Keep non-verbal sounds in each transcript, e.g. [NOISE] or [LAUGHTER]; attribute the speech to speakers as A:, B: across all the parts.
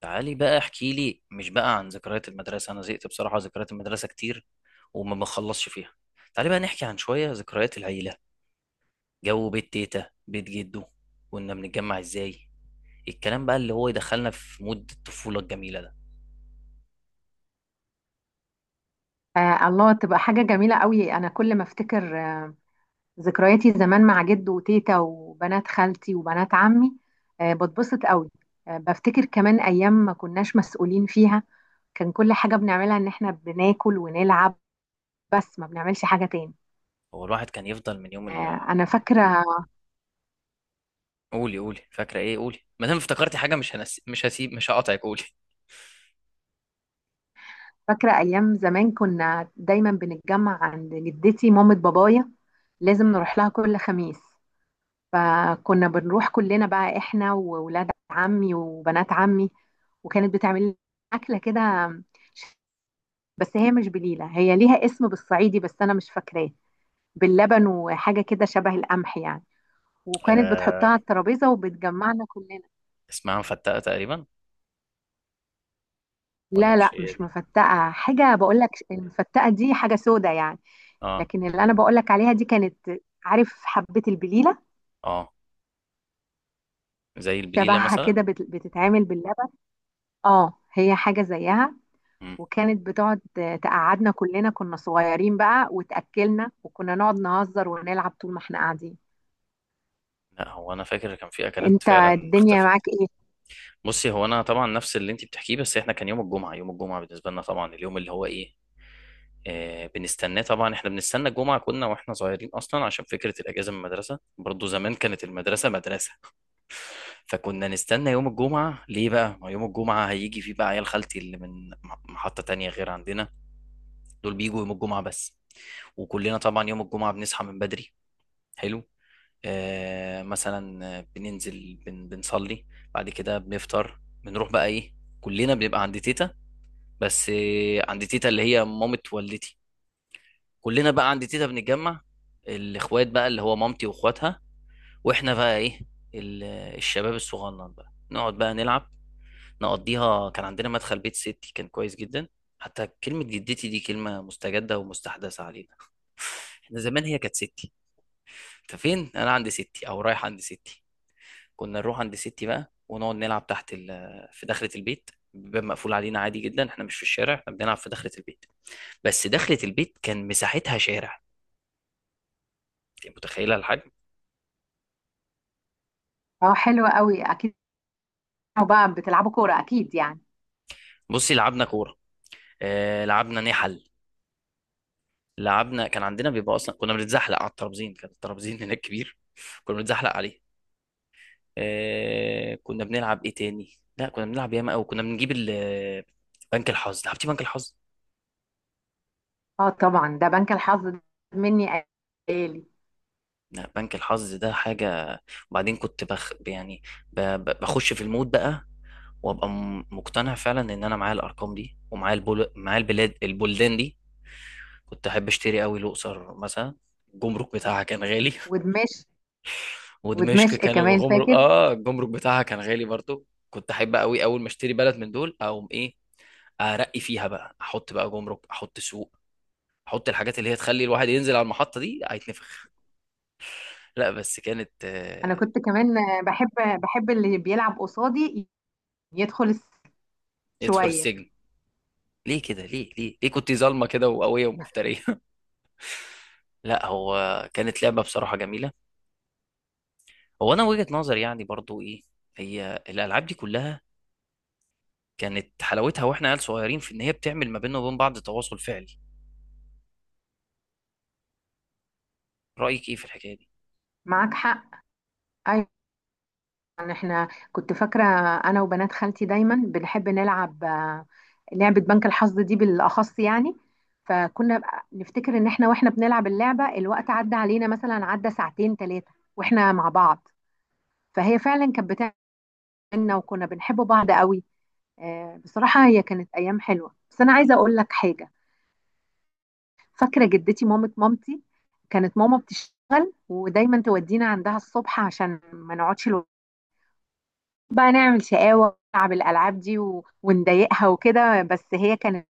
A: تعالي بقى احكي لي، مش بقى، عن ذكريات المدرسة. أنا زهقت بصراحة، ذكريات المدرسة كتير وما بخلصش فيها. تعالي بقى نحكي عن شوية ذكريات العيلة، جو بيت تيتا، بيت جدو. كنا بنتجمع ازاي؟ الكلام بقى اللي هو يدخلنا في مود الطفولة الجميلة ده.
B: الله تبقى حاجة جميلة قوي. أنا كل ما أفتكر ذكرياتي زمان مع جد وتيتا وبنات خالتي وبنات عمي، بتبسط قوي. بفتكر كمان أيام ما كناش مسؤولين فيها. كان كل حاجة بنعملها إن إحنا بناكل ونلعب، بس ما بنعملش حاجة تاني.
A: هو الواحد كان يفضل من يوم
B: أنا فاكرة.
A: قولي، قولي، فاكرة ايه؟ قولي، ما دام افتكرتي حاجة مش هسيب، مش هقاطعك، قولي. [LAUGHS]
B: فاكرة أيام زمان كنا دايما بنتجمع عند جدتي مامة بابايا، لازم نروح لها كل خميس. فكنا بنروح كلنا بقى احنا وولاد عمي وبنات عمي، وكانت بتعمل لنا اكله كده، بس هي مش بليله، هي ليها اسم بالصعيدي بس انا مش فاكراه. باللبن وحاجه كده شبه القمح يعني، وكانت بتحطها
A: آه...
B: على الترابيزه وبتجمعنا كلنا.
A: اسمها مفتقة تقريبا. ولا
B: لا لا
A: مش هي
B: مش
A: دي؟
B: مفتقه، حاجه بقول لك، المفتقه دي حاجه سودة يعني.
A: اه.
B: لكن اللي انا بقول لك عليها دي كانت، عارف حبه البليله،
A: اه، زي البليلة
B: شبهها
A: مثلا.
B: كده بتتعمل باللبن. اه هي حاجه زيها. وكانت بتقعد، تقعدنا كلنا كنا صغيرين بقى وتأكلنا، وكنا نقعد نهزر ونلعب طول ما احنا قاعدين.
A: لا هو انا فاكر كان في اكلات
B: انت
A: فعلا
B: الدنيا
A: اختفت.
B: معاك ايه؟
A: بصي، هو انا طبعا نفس اللي انت بتحكيه، بس احنا كان يوم الجمعه. يوم الجمعه بالنسبه لنا طبعا اليوم اللي هو ايه؟ آه بنستناه طبعا. احنا بنستنى الجمعه كنا واحنا صغيرين اصلا عشان فكره الاجازه من المدرسه، برضو زمان كانت المدرسه مدرسه. [LAUGHS] فكنا نستنى يوم الجمعه. ليه بقى؟ ما يوم الجمعه هيجي فيه بقى عيال خالتي اللي من محطه تانية غير عندنا. دول بيجوا يوم الجمعه بس. وكلنا طبعا يوم الجمعه بنصحى من بدري. حلو. مثلا بننزل بنصلي. بعد كده بنفطر، بنروح بقى ايه، كلنا بنبقى عند تيتا. بس عند تيتا اللي هي مامة والدتي. كلنا بقى عند تيتا بنتجمع. الاخوات بقى اللي هو مامتي واخواتها، واحنا بقى ايه، ال- الشباب الصغنن بقى نقعد بقى نلعب نقضيها. كان عندنا مدخل بيت ستي كان كويس جدا. حتى كلمة جدتي دي كلمة مستجدة ومستحدثة علينا، احنا زمان هي كانت ستي. انت فين؟ انا عند ستي، او رايح عند ستي. كنا نروح عند ستي بقى ونقعد نلعب تحت في دخلة البيت، باب مقفول علينا، عادي جدا احنا مش في الشارع، احنا بنلعب في دخلة البيت. بس دخلة البيت كان مساحتها شارع، انت متخيلة الحجم؟
B: اه حلوة قوي اكيد. بقى بتلعبوا كورة اكيد يعني.
A: بصي، لعبنا كورة، آه لعبنا نحل، لعبنا، كان عندنا بيبقى اصلا كنا بنتزحلق على الترابزين، كان الترابزين هناك كبير. [LAUGHS] كنا بنتزحلق عليه. آه كنا بنلعب ايه تاني؟ لا كنا بنلعب ياما قوي. كنا بنجيب بنك الحظ. لعبتي بنك الحظ؟
B: اه طبعا ده بنك الحظ ده، مني آلي.
A: لا بنك الحظ ده حاجة. وبعدين كنت بخ يعني، بخش في المود بقى. وابقى مقتنع فعلا ان انا معايا الارقام دي ومعايا البلاد البلدان دي. كنت احب اشتري قوي الاقصر مثلا. الجمرك بتاعها كان غالي. [LAUGHS]
B: ودمشق.
A: ودمشق
B: ودمشق
A: كان
B: كمان
A: الجمرك،
B: فاكر.
A: اه الجمرك بتاعها كان غالي برضو. كنت احب قوي اول ما اشتري بلد من دول اقوم ايه، ارقي فيها بقى، احط بقى جمرك، احط سوق، احط الحاجات اللي هي تخلي الواحد ينزل على المحطة دي هيتنفخ. لا بس كانت
B: انا كنت كمان بحب، اللي بيلعب قصادي يدخل
A: يدخل
B: شوية.
A: السجن. ليه كده؟ ليه ليه ليه كنت ظالمه كده وقويه ومفتريه؟ [LAUGHS] لا هو كانت لعبه بصراحه جميله. هو انا وجهه نظري يعني برضو ايه، هي الالعاب دي كلها كانت حلاوتها واحنا عيال صغيرين في ان هي بتعمل ما بيننا وبين بعض تواصل فعلي. رايك ايه في الحكايه دي؟
B: معاك حق. أيوة. يعني احنا كنت فاكرة، انا وبنات خالتي دايما بنحب نلعب، لعبة بنك الحظ دي بالاخص يعني. فكنا بقى نفتكر ان احنا واحنا بنلعب اللعبة الوقت عدى علينا مثلا، عدى ساعتين ثلاثة واحنا مع بعض. فهي فعلا كانت بتاعنا وكنا بنحب بعض قوي. بصراحة هي كانت ايام حلوة، بس انا عايزة اقول لك حاجة. فاكرة جدتي مامة مامتي، كانت ماما بتشتغل ودايما تودينا عندها الصبح عشان ما نقعدش بقى نعمل شقاوة ونلعب الألعاب دي ونضايقها وكده، بس هي كانت،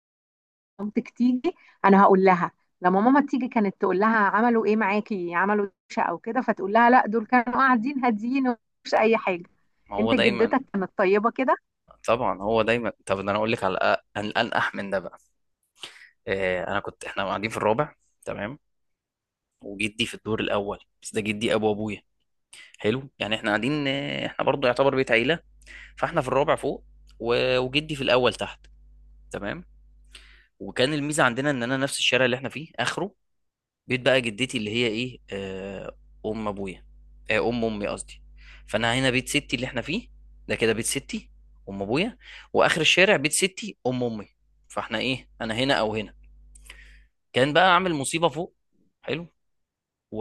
B: مامتك تيجي أنا هقول لها. لما ماما تيجي كانت تقول لها عملوا إيه معاكي؟ عملوا دوشة أو كده؟ فتقول لها لا، دول كانوا قاعدين هاديين ومش أي حاجة.
A: ما هو
B: أنت
A: دايما.
B: جدتك كانت طيبة كده.
A: طبعا هو دايما، طب ده انا اقول لك على الانقح من ده بقى. آه انا كنت، احنا قاعدين في الرابع، تمام، وجدي في الدور الاول، بس ده جدي ابو ابويا. حلو، يعني احنا قاعدين، احنا برضو يعتبر بيت عيله. فاحنا في الرابع فوق، وجدي في الاول تحت، تمام. وكان الميزه عندنا ان انا نفس الشارع اللي احنا فيه اخره بيت بقى جدتي اللي هي ايه، آه ام ابويا، آه ام امي قصدي. فانا هنا بيت ستي اللي احنا فيه، ده كده بيت ستي ام ابويا، واخر الشارع بيت ستي ام امي. فاحنا ايه، انا هنا او هنا كان بقى عامل مصيبه فوق. حلو. و...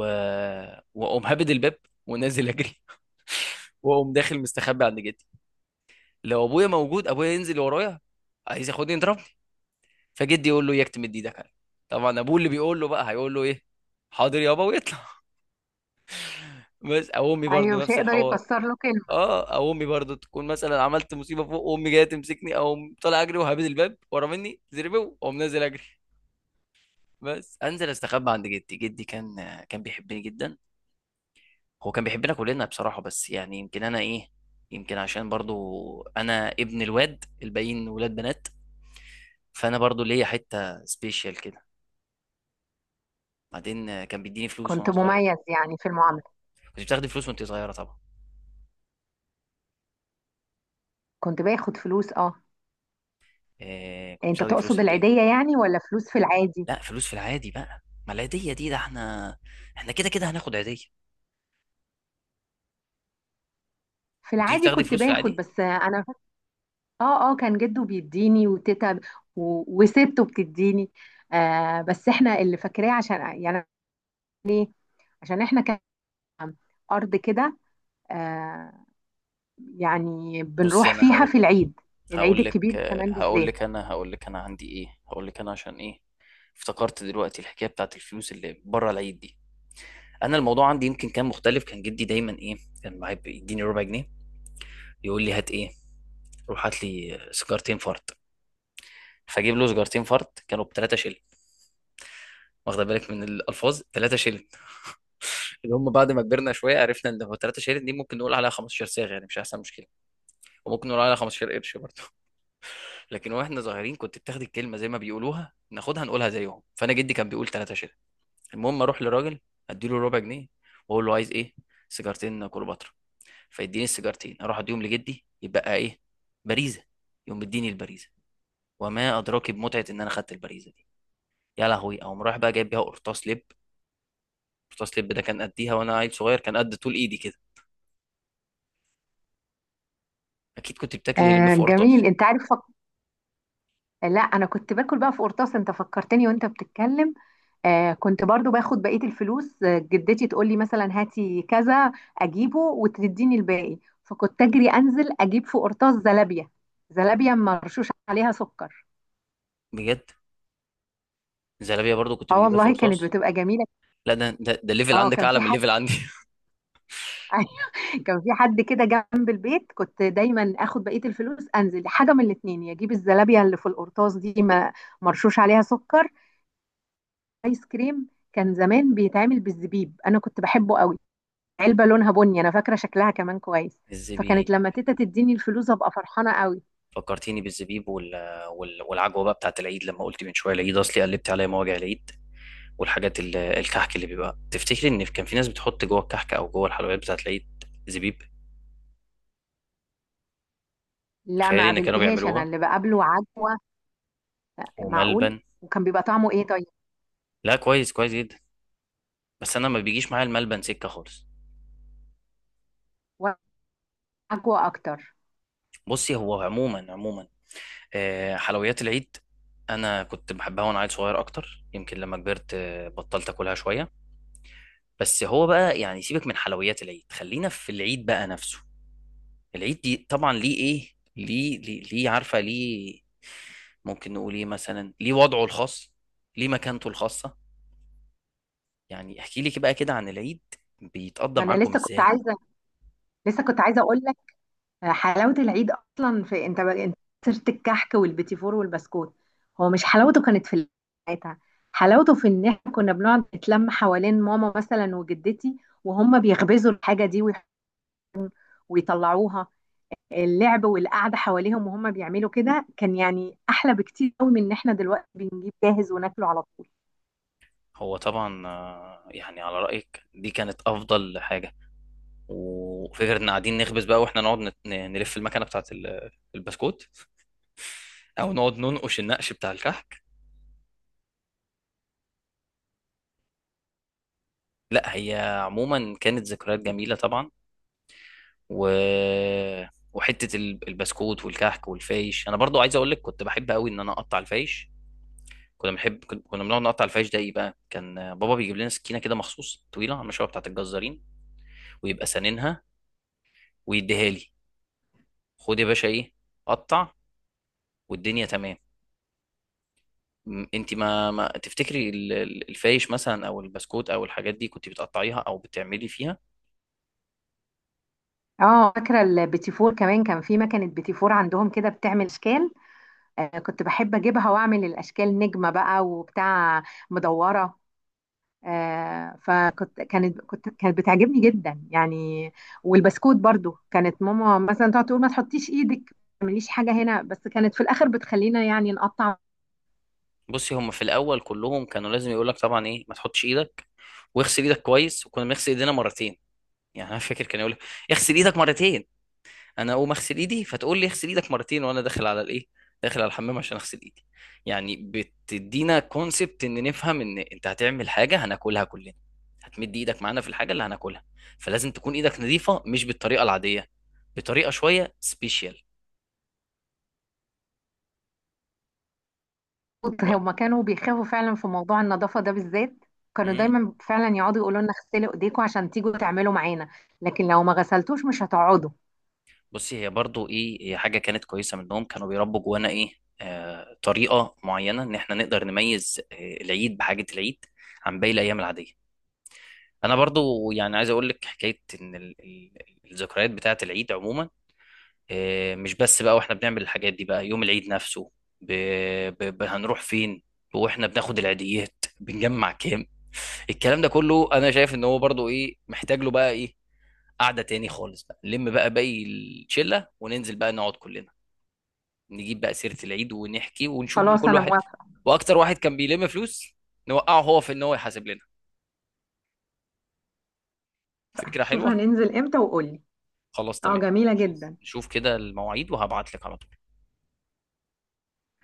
A: واقوم هابد الباب ونازل اجري. [LAUGHS] واقوم داخل مستخبي عند جدي. لو ابويا موجود ابويا ينزل ورايا عايز ياخدني يضربني. فجدي يقول له يكتم ايدك عليه. طبعا ابوه اللي بيقول له بقى هيقول له ايه، حاضر يابا، ويطلع. [LAUGHS] بس او امي
B: أيوة
A: برضه
B: مش
A: نفس
B: هيقدر
A: الحوار.
B: يكسر له كلمة.
A: اه، او امي برضه تكون مثلا عملت مصيبه فوق وامي جايه تمسكني، او طالع اجري وهابد الباب ورا مني زربو، واقوم نازل اجري. بس انزل استخبى عند جدي، جدي كان بيحبني جدا. هو كان بيحبنا كلنا بصراحه، بس يعني يمكن انا ايه، يمكن عشان برضه انا ابن الواد، الباقيين ولاد بنات، فانا برضه ليا حته سبيشال كده. بعدين كان بيديني فلوس
B: كنت
A: وانا صغير.
B: مميز يعني في المعاملة.
A: اه. كنت بتاخدي فلوس وانت صغيره طبعا؟
B: كنت باخد فلوس أه.
A: إيه، كنت
B: أنت
A: بتاخدي فلوس
B: تقصد
A: قد ايه؟
B: العيدية يعني ولا فلوس في العادي؟
A: لا فلوس في العادي بقى، ما العيديه دي ده احنا كده كده هناخد عيديه.
B: في
A: كنتيش
B: العادي
A: بتاخدي
B: كنت
A: فلوس في
B: باخد
A: العادي؟
B: بس أنا. اه اه كان جده بيديني وتيتا وسته بتديني. آه بس احنا اللي فاكراه عشان يعني، عشان احنا كان ارض كده، آه، يعني
A: بصي،
B: بنروح
A: انا
B: فيها في
A: هقول،
B: العيد. العيد
A: هقول لك
B: الكبير كمان بالذات.
A: هقول لك انا عندي ايه، هقول لك انا عشان ايه. افتكرت دلوقتي الحكايه بتاعت الفلوس اللي بره العيد دي، انا الموضوع عندي يمكن كان مختلف. كان جدي دايما ايه، كان معايا بيديني ربع جنيه، يقول لي هات ايه، روح هات لي سيجارتين فرد. فاجيب له سيجارتين فرد، كانوا ب 3 شيل. واخده بالك من الالفاظ، 3 شيل اللي هم بعد ما كبرنا شويه عرفنا ان هو 3 شهادات، دي ممكن نقول عليها 15 صاغه يعني مش هيحصل مشكله، وممكن نقول عليها 15 قرش برضه. [LAUGHS] لكن واحنا صغيرين كنت بتاخد الكلمه زي ما بيقولوها، ناخدها نقولها زيهم. فانا جدي كان بيقول 3 شهادات. المهم اروح لراجل، اديله ربع جنيه، واقول له عايز ايه، سيجارتين كليوباترا. فيديني السيجارتين اروح اديهم لجدي، يبقى ايه، باريزه. يقوم مديني الباريزه، وما ادراك بمتعه ان انا خدت الباريزه دي. يا لهوي، اقوم رايح بقى جايب بيها قرطاس لب. قرطاس لب ده كان قديها وانا عيل صغير كان قد طول ايدي كده. اكيد كنت بتاكلي لب
B: آه
A: في
B: جميل،
A: قرطاس؟
B: انت عارف لا انا كنت باكل بقى في قرطاس، انت فكرتني وانت بتتكلم. آه كنت برضو باخد بقية الفلوس، جدتي تقول لي مثلا هاتي كذا، أجيبه وتديني الباقي. فكنت أجري أنزل أجيب في قرطاس زلابية، زلابية مرشوش عليها سكر.
A: بجد؟ زلابية برضو كنت
B: اه
A: بجيبها في
B: والله كانت
A: قرطاس.
B: بتبقى جميلة.
A: لا ده الليفل
B: اه
A: عندك
B: كان
A: اعلى
B: في
A: من الليفل
B: حد.
A: عندي.
B: [LAUGHS] أيوة، كان في حد كده جنب البيت، كنت دايما اخد بقية الفلوس انزل حاجة من الاتنين، يا اجيب الزلابية اللي في القرطاس دي ما، مرشوش عليها سكر، ايس كريم كان زمان بيتعمل بالزبيب انا كنت بحبه قوي. علبة لونها بني انا فاكرة شكلها كمان كويس.
A: [LAUGHS]
B: فكانت
A: الزبيب،
B: لما تيتا تديني الفلوس ابقى فرحانة قوي.
A: فكرتيني بالزبيب والعجوه بقى بتاعت العيد. لما قلت من شويه العيد اصلي قلبت عليا مواجع العيد والحاجات الكحك اللي بيبقى، تفتكري ان كان في ناس بتحط جوه الكحك او جوه الحلويات بتاعت العيد زبيب؟
B: لا ما
A: تخيلي ان كانوا
B: قابلتهاش، انا
A: بيعملوها،
B: اللي بقابله عجوة. معقول؟
A: وملبن.
B: وكان بيبقى طعمه ايه طيب؟
A: لا كويس، كويس جدا، بس انا ما بيجيش معايا الملبن سكه خالص.
B: وعجوة اكتر.
A: بصي هو عموما عموما حلويات العيد انا كنت بحبها وانا عيل صغير اكتر. يمكن لما كبرت بطلت اكلها شويه. بس هو بقى يعني سيبك من حلويات العيد، خلينا في العيد بقى نفسه. العيد دي طبعا ليه ايه، ليه عارفه ليه، ممكن نقول ايه مثلا، ليه وضعه الخاص، ليه مكانته الخاصه. يعني احكي لي بقى كده عن العيد، بيتقضى
B: ما انا
A: معاكم
B: لسه كنت
A: ازاي؟
B: عايزة، لسه كنت عايزة اقول لك، حلاوة العيد اصلا في، انت انت سيرة الكحك والبيتي فور والبسكوت، هو مش حلاوته كانت في ساعتها. حلاوته في ان احنا كنا بنقعد نتلم حوالين ماما مثلا وجدتي، وهم بيخبزوا الحاجة دي ويطلعوها. اللعب والقعده حواليهم وهم بيعملوا كده كان يعني احلى بكتير قوي من ان احنا دلوقتي بنجيب جاهز وناكله على طول.
A: هو طبعا يعني على رايك دي كانت افضل حاجه. وفكره ان قاعدين نخبز بقى، واحنا نقعد نلف المكنه بتاعت البسكوت، او نقعد ننقش النقش بتاع الكحك. لا هي عموما كانت ذكريات جميله طبعا. و... وحته البسكوت والكحك والفيش، انا برضو عايز اقول لك كنت بحب قوي ان انا اقطع الفيش. كنا بنحب، كنا بنقعد نقطع الفيش ده ايه بقى، كان بابا بيجيب لنا سكينه كده مخصوص طويله على المشوه بتاعت الجزارين، ويبقى سننها ويديها لي، خد يا باشا ايه، قطع، والدنيا تمام. انت ما تفتكري الفايش مثلا او البسكوت او الحاجات دي كنت بتقطعيها او بتعملي فيها؟
B: اه فاكره البيتي فور كمان، كان في مكنه بيتي فور عندهم كده بتعمل اشكال. آه كنت بحب اجيبها واعمل الاشكال، نجمه بقى وبتاع، مدوره. آه فكنت كانت بتعجبني جدا يعني. والبسكوت برضو كانت ماما مثلا تقعد تقول ما تحطيش ايدك، ما تعمليش حاجه هنا، بس كانت في الاخر بتخلينا يعني نقطع.
A: بصي هم في الاول كلهم كانوا لازم يقول لك طبعا ايه، ما تحطش ايدك واغسل ايدك كويس. وكنا بنغسل ايدينا مرتين. يعني انا فاكر كان يقول لي اغسل ايدك مرتين. انا اقوم اغسل ايدي فتقول لي اغسل ايدك مرتين وانا داخل على الايه، داخل على الحمام عشان اغسل ايدي. يعني بتدينا كونسبت ان نفهم ان انت هتعمل حاجه هناكلها كلنا، هتمد ايدك معانا في الحاجه اللي هناكلها، فلازم تكون ايدك نظيفه مش بالطريقه العاديه، بطريقه شويه سبيشال. و...
B: هما كانوا بيخافوا فعلا في موضوع النظافة ده بالذات. كانوا
A: مم.
B: دايما فعلا يقعدوا يقولوا لنا غسلوا ايديكم عشان تيجوا تعملوا معانا، لكن لو ما غسلتوش مش هتقعدوا.
A: بصي هي برضو ايه، هي حاجه كانت كويسه منهم، كانوا بيربوا جوانا ايه، طريقه معينه ان احنا نقدر نميز العيد بحاجه، العيد عن باقي الايام العاديه. انا برضو يعني عايز اقول لك حكايه ان الذكريات بتاعه العيد عموما مش بس بقى واحنا بنعمل الحاجات دي، بقى يوم العيد نفسه ب... هنروح فين، واحنا بناخد العيديات بنجمع كام. الكلام ده كله انا شايف ان هو برضو ايه، محتاج له بقى ايه، قعده تاني خالص بقى، نلم بقى باقي الشله وننزل بقى نقعد كلنا، نجيب بقى سيره العيد ونحكي ونشوف بقى
B: خلاص
A: كل
B: انا
A: واحد،
B: موافقة.
A: واكتر واحد كان بيلم فلوس نوقعه هو في ان هو يحاسب لنا. فكره
B: شوف
A: حلوه.
B: هننزل امتى وقولي.
A: خلاص،
B: اه
A: تمام.
B: جميلة
A: هنشوف،
B: جدا.
A: نشوف كده المواعيد وهبعت لك على طول.